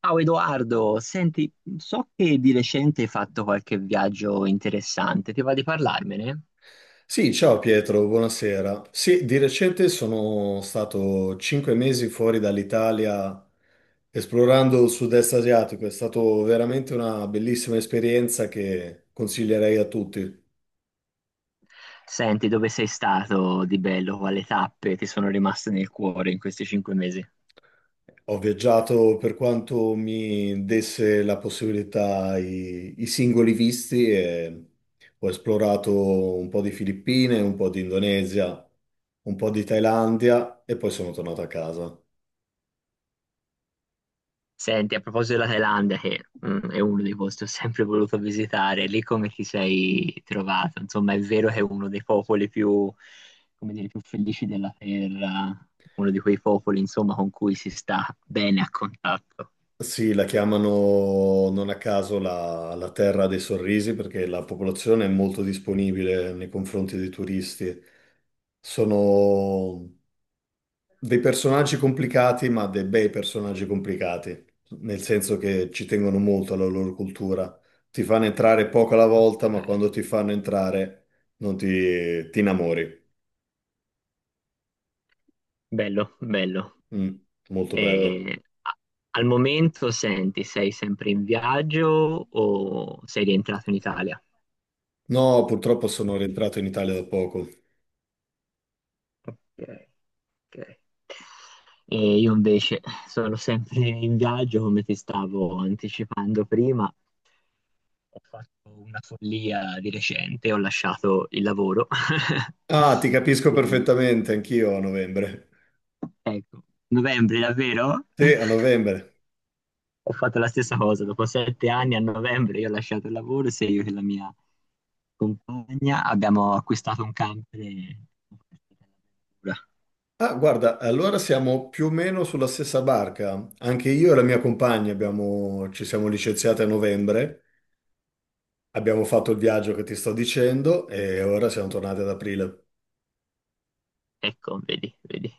Ciao Edoardo, senti, so che di recente hai fatto qualche viaggio interessante, ti va di parlarmene? Sì, ciao Pietro, buonasera. Sì, di recente sono stato cinque mesi fuori dall'Italia esplorando il sud-est asiatico. È stata veramente una bellissima esperienza che consiglierei a tutti. Senti, dove sei stato di bello, quali tappe ti sono rimaste nel cuore in questi 5 mesi? Ho viaggiato per quanto mi desse la possibilità i singoli visti e ho esplorato un po' di Filippine, un po' di Indonesia, un po' di Thailandia e poi sono tornato a casa. Senti, a proposito della Thailandia, che è uno dei posti che ho sempre voluto visitare, lì come ti sei trovato? Insomma, è vero che è uno dei popoli più, come dire, più felici della terra, uno di quei popoli, insomma, con cui si sta bene a contatto. Sì, la chiamano non a caso la terra dei sorrisi perché la popolazione è molto disponibile nei confronti dei turisti. Sono dei personaggi complicati, ma dei bei personaggi complicati, nel senso che ci tengono molto alla loro cultura. Ti fanno entrare poco alla volta, Ok. ma quando ti fanno entrare non ti, innamori. Bello, bello. Mm, molto bello. E al momento, senti, sei sempre in viaggio o sei rientrato in Italia? No, purtroppo sono rientrato in Italia da poco. Ok, ok. E io invece sono sempre in viaggio, come ti stavo anticipando prima. Ho fatto una follia di recente, ho lasciato il lavoro. Ah, ti capisco Sia io. perfettamente, anch'io a novembre. Ecco, novembre davvero? Sì, a novembre. Ho fatto la stessa cosa, dopo 7 anni a novembre io ho lasciato il lavoro, sia io che la mia compagna abbiamo acquistato un camper e all'avventura. Ah, guarda, allora siamo più o meno sulla stessa barca. Anche io e la mia compagna ci siamo licenziati a novembre, abbiamo fatto il viaggio che ti sto dicendo e ora siamo tornati ad aprile. Ecco, vedi, vedi.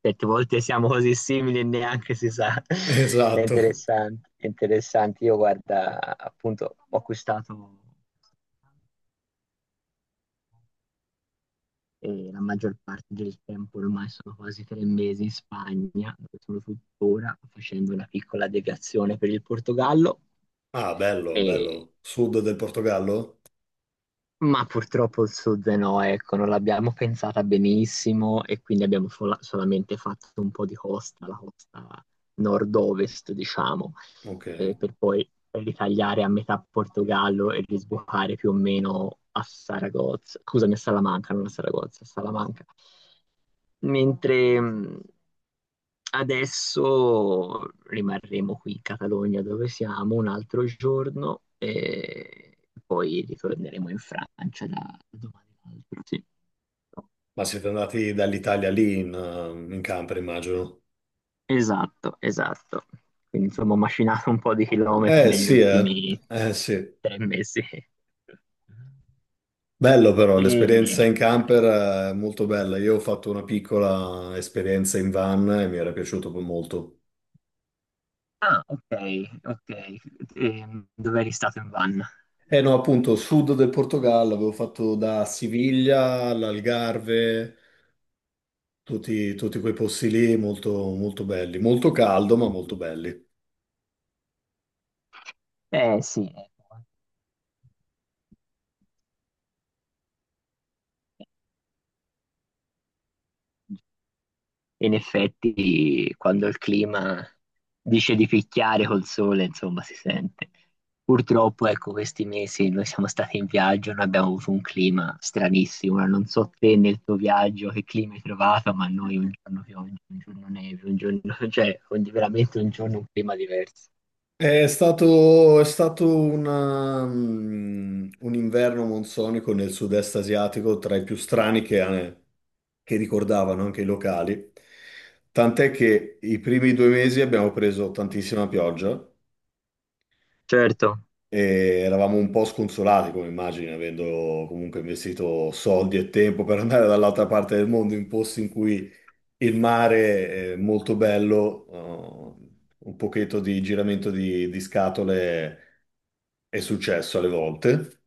Certe volte siamo così simili e neanche si sa. È Esatto. interessante, è interessante. Io guarda, appunto, ho acquistato e la maggior parte del tempo, ormai sono quasi 3 mesi in Spagna, dove sono tuttora facendo una piccola deviazione per il Portogallo Ah, bello, e bello. Sud del Portogallo? Ma purtroppo il sud no, ecco, non l'abbiamo pensata benissimo e quindi abbiamo solamente fatto un po' di costa, la costa nord-ovest, diciamo, Ok. Per poi ritagliare a metà Portogallo e risbucare più o meno a Saragozza, scusami, a Salamanca, non a Saragozza, a Salamanca. Mentre adesso rimarremo qui in Catalogna dove siamo un altro giorno e poi ritorneremo in Francia da domani all'altro. Sì, Ma siete andati dall'Italia lì in, in camper, immagino. esatto, esatto. Quindi insomma ho macinato un po' di chilometri Eh negli sì, eh. ultimi Eh sì. 3 mesi. Bello però, E- l'esperienza in camper è molto bella. Io ho fatto una piccola esperienza in van e mi era piaciuto molto. Ah, ok, ok. Dove eri stato in van? Eh no, appunto, sud del Portogallo, avevo fatto da Siviglia all'Algarve, tutti quei posti lì molto, molto belli. Molto caldo, ma molto belli. Eh sì, ecco. In effetti quando il clima dice di picchiare col sole, insomma, si sente. Purtroppo, ecco, questi mesi noi siamo stati in viaggio, noi abbiamo avuto un clima stranissimo. Ora non so te nel tuo viaggio che clima hai trovato, ma noi un giorno pioggia, un giorno neve, un giorno, cioè veramente un giorno un clima diverso. È stato una, un inverno monsonico nel sud-est asiatico tra i più strani che ricordavano anche i locali. Tant'è che i primi due mesi abbiamo preso tantissima pioggia Certo. e eravamo un po' sconsolati, come immagini, avendo comunque investito soldi e tempo per andare dall'altra parte del mondo in posti in cui il mare è molto bello, un pochetto di giramento di scatole è successo alle volte,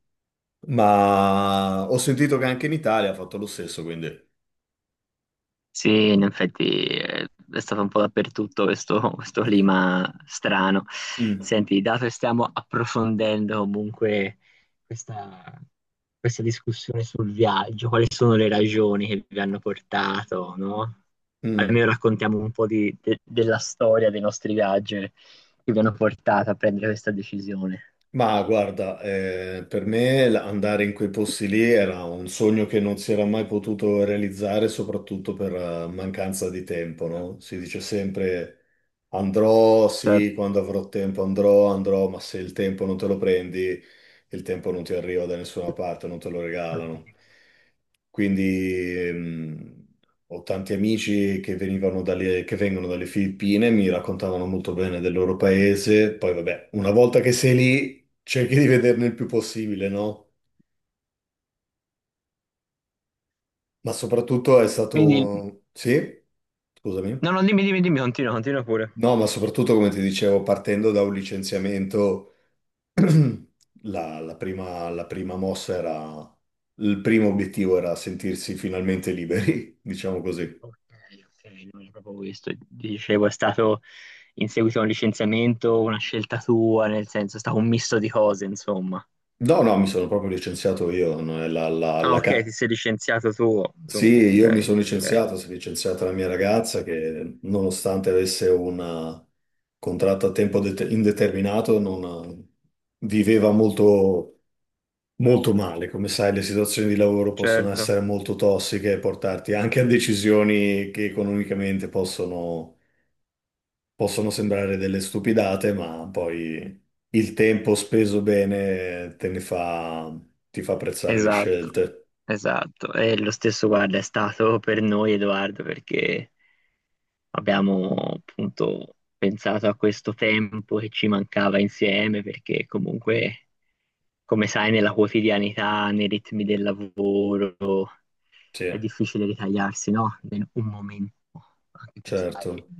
ma ho sentito che anche in Italia ha fatto lo stesso, quindi... Sì, in effetti è stato un po' dappertutto questo, questo clima strano. Mm, Senti, dato che stiamo approfondendo comunque questa, discussione sul viaggio, quali sono le ragioni che vi hanno portato, no? mm. Almeno raccontiamo un po' della storia dei nostri viaggi che vi hanno portato a prendere questa decisione. Ma guarda, per me andare in quei posti lì era un sogno che non si era mai potuto realizzare, soprattutto per mancanza di tempo, no? Si dice sempre andrò, Certo. sì, quando avrò tempo andrò, andrò, ma se il tempo non te lo prendi, il tempo non ti arriva da nessuna parte, non te lo regalano. Quindi ehm, ho tanti amici che che vengono dalle Filippine, mi raccontavano molto bene del loro paese. Poi, vabbè, una volta che sei lì, cerchi di vederne il più possibile, no? Ma soprattutto è stato Quindi, un... Sì? Scusami. no, no, dimmi, dimmi, dimmi, continua, continua pure. No, ma soprattutto, come ti dicevo, partendo da un licenziamento, la prima mossa era... Il primo obiettivo era sentirsi finalmente liberi, diciamo così. Ok, ok, non è proprio questo. Dicevo, è stato in seguito a un licenziamento, una scelta tua, nel senso, è stato un misto di cose, insomma. No, no, mi sono proprio licenziato io. Non è Ah, ok, ti sei licenziato tu. Tu, Sì, ok, io mi sono ok, licenziato, si è licenziata la mia ragazza che nonostante avesse un contratto a tempo indeterminato non viveva molto, molto male. Come sai, le situazioni di lavoro possono certo. essere molto tossiche e portarti anche a decisioni che economicamente possono sembrare delle stupidate, ma poi il tempo speso bene ti fa apprezzare le Esatto, scelte. esatto. E lo stesso, guarda, è stato per noi, Edoardo, perché abbiamo appunto pensato a questo tempo che ci mancava insieme, perché comunque, come sai, nella quotidianità, nei ritmi del lavoro. Sì, È difficile ritagliarsi, no? Un momento, anche per stare certo.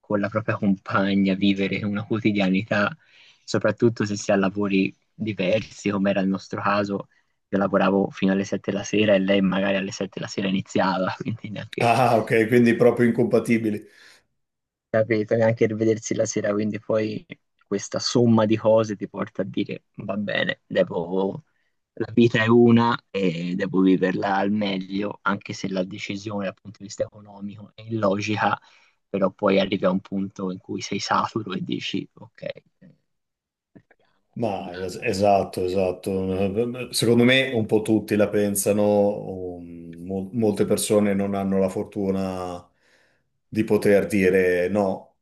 con la propria compagna, vivere una quotidianità, soprattutto se si ha lavori diversi, come era il nostro caso. Io lavoravo fino alle 7 la sera e lei magari alle 7 la sera iniziava, quindi neanche Ah, ok, quindi proprio incompatibili. capito, neanche rivedersi la sera, quindi poi questa somma di cose ti porta a dire va bene, devo, la vita è una e devo viverla al meglio, anche se la decisione dal punto di vista economico è illogica, però poi arrivi a un punto in cui sei saturo e dici ok, vediamo, vediamo. Esatto, esatto. Secondo me un po' tutti la pensano, molte persone non hanno la fortuna di poter dire no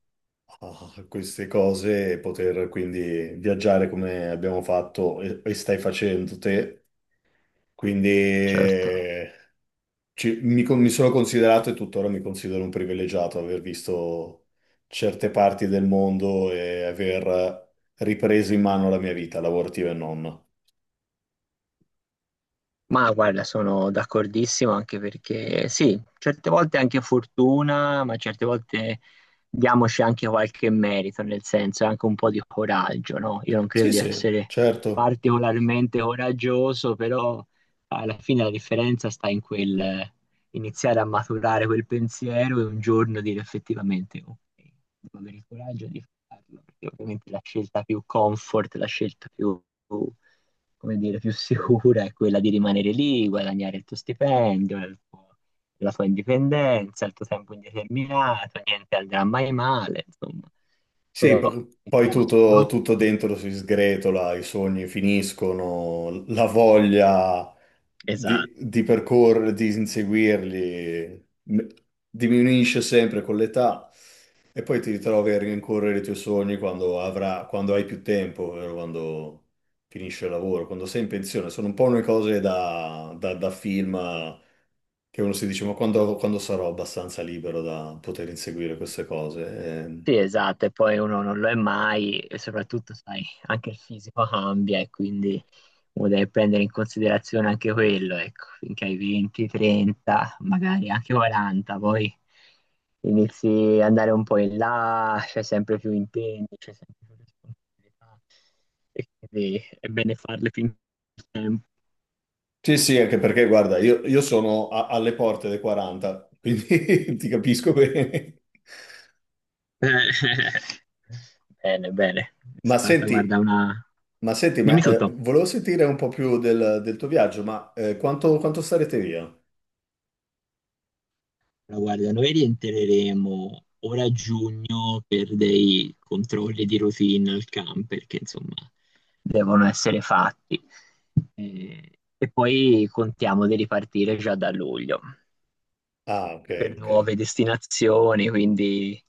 a queste cose e poter quindi viaggiare come abbiamo fatto e stai facendo te. Quindi Certo. Mi sono considerato e tuttora mi considero un privilegiato aver visto certe parti del mondo e aver ripreso in mano la mia vita, lavorativa e non. Ma guarda, sono d'accordissimo anche perché sì, certe volte è anche fortuna, ma certe volte diamoci anche qualche merito, nel senso anche un po' di coraggio, no? Io non credo Sì, di sì, essere certo. particolarmente coraggioso, però alla fine la differenza sta in quel, iniziare a maturare quel pensiero e un giorno dire effettivamente ok, devo avere il coraggio di farlo, perché ovviamente la scelta più comfort, la scelta più, come dire, più sicura è quella di rimanere lì, guadagnare il tuo stipendio, la tua indipendenza, il tuo tempo indeterminato, niente andrà mai male, insomma, Sì, però il poi costo, tutto, no? tutto dentro si sgretola, i sogni finiscono, la voglia Esatto. di percorrere, di inseguirli diminuisce sempre con l'età e poi ti ritrovi a rincorrere i tuoi sogni quando hai più tempo, ovvero quando finisce il lavoro, quando sei in pensione. Sono un po' le cose da, da film che uno si dice, ma quando sarò abbastanza libero da poter inseguire queste cose? Sì, esatto, e poi uno non lo è mai e soprattutto, sai, anche il fisico cambia e quindi uno deve prendere in considerazione anche quello, ecco, finché hai 20, 30, magari anche 40, poi inizi ad andare un po' in là, c'è sempre più impegni, c'è sempre più responsabilità e quindi è bene farle finché c'è tempo. Sì, sì, anche perché, guarda, io sono alle porte dei 40, quindi ti capisco bene. Bene, bene, è Ma stata, guarda, senti, una... ma senti, ma, Dimmi eh, tutto. volevo sentire un po' più del tuo viaggio, ma quanto starete via? Allora, guarda, noi rientreremo ora a giugno per dei controlli di routine al camp, perché insomma devono essere fatti. Eh, E, poi contiamo di ripartire già da luglio Ah, ok, per ok. nuove destinazioni, quindi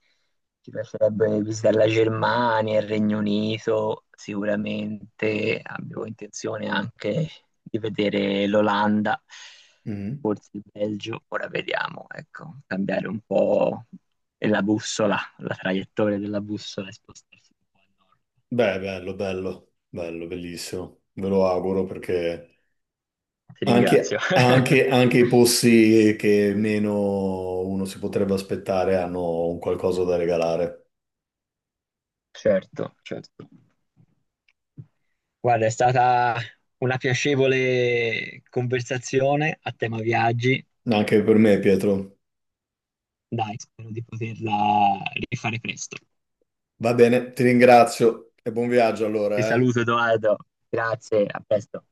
ti piacerebbe visitare la Germania, il Regno Unito, sicuramente abbiamo intenzione anche di vedere l'Olanda, Mhm. forse il Belgio, ora vediamo, ecco, cambiare un po' la bussola, la traiettoria della bussola e spostarsi un po' a nord. Beh, bello, bello, bello, bellissimo. Ve lo auguro perché Ti ringrazio. Anche i posti che meno uno si potrebbe aspettare hanno un qualcosa da regalare. Certo, certo. Guarda, è stata una piacevole conversazione a tema viaggi. Anche per me, Pietro. Dai, spero di poterla rifare presto. Va bene, ti ringrazio e buon viaggio Ti allora, eh. saluto, Edoardo. Grazie, a presto.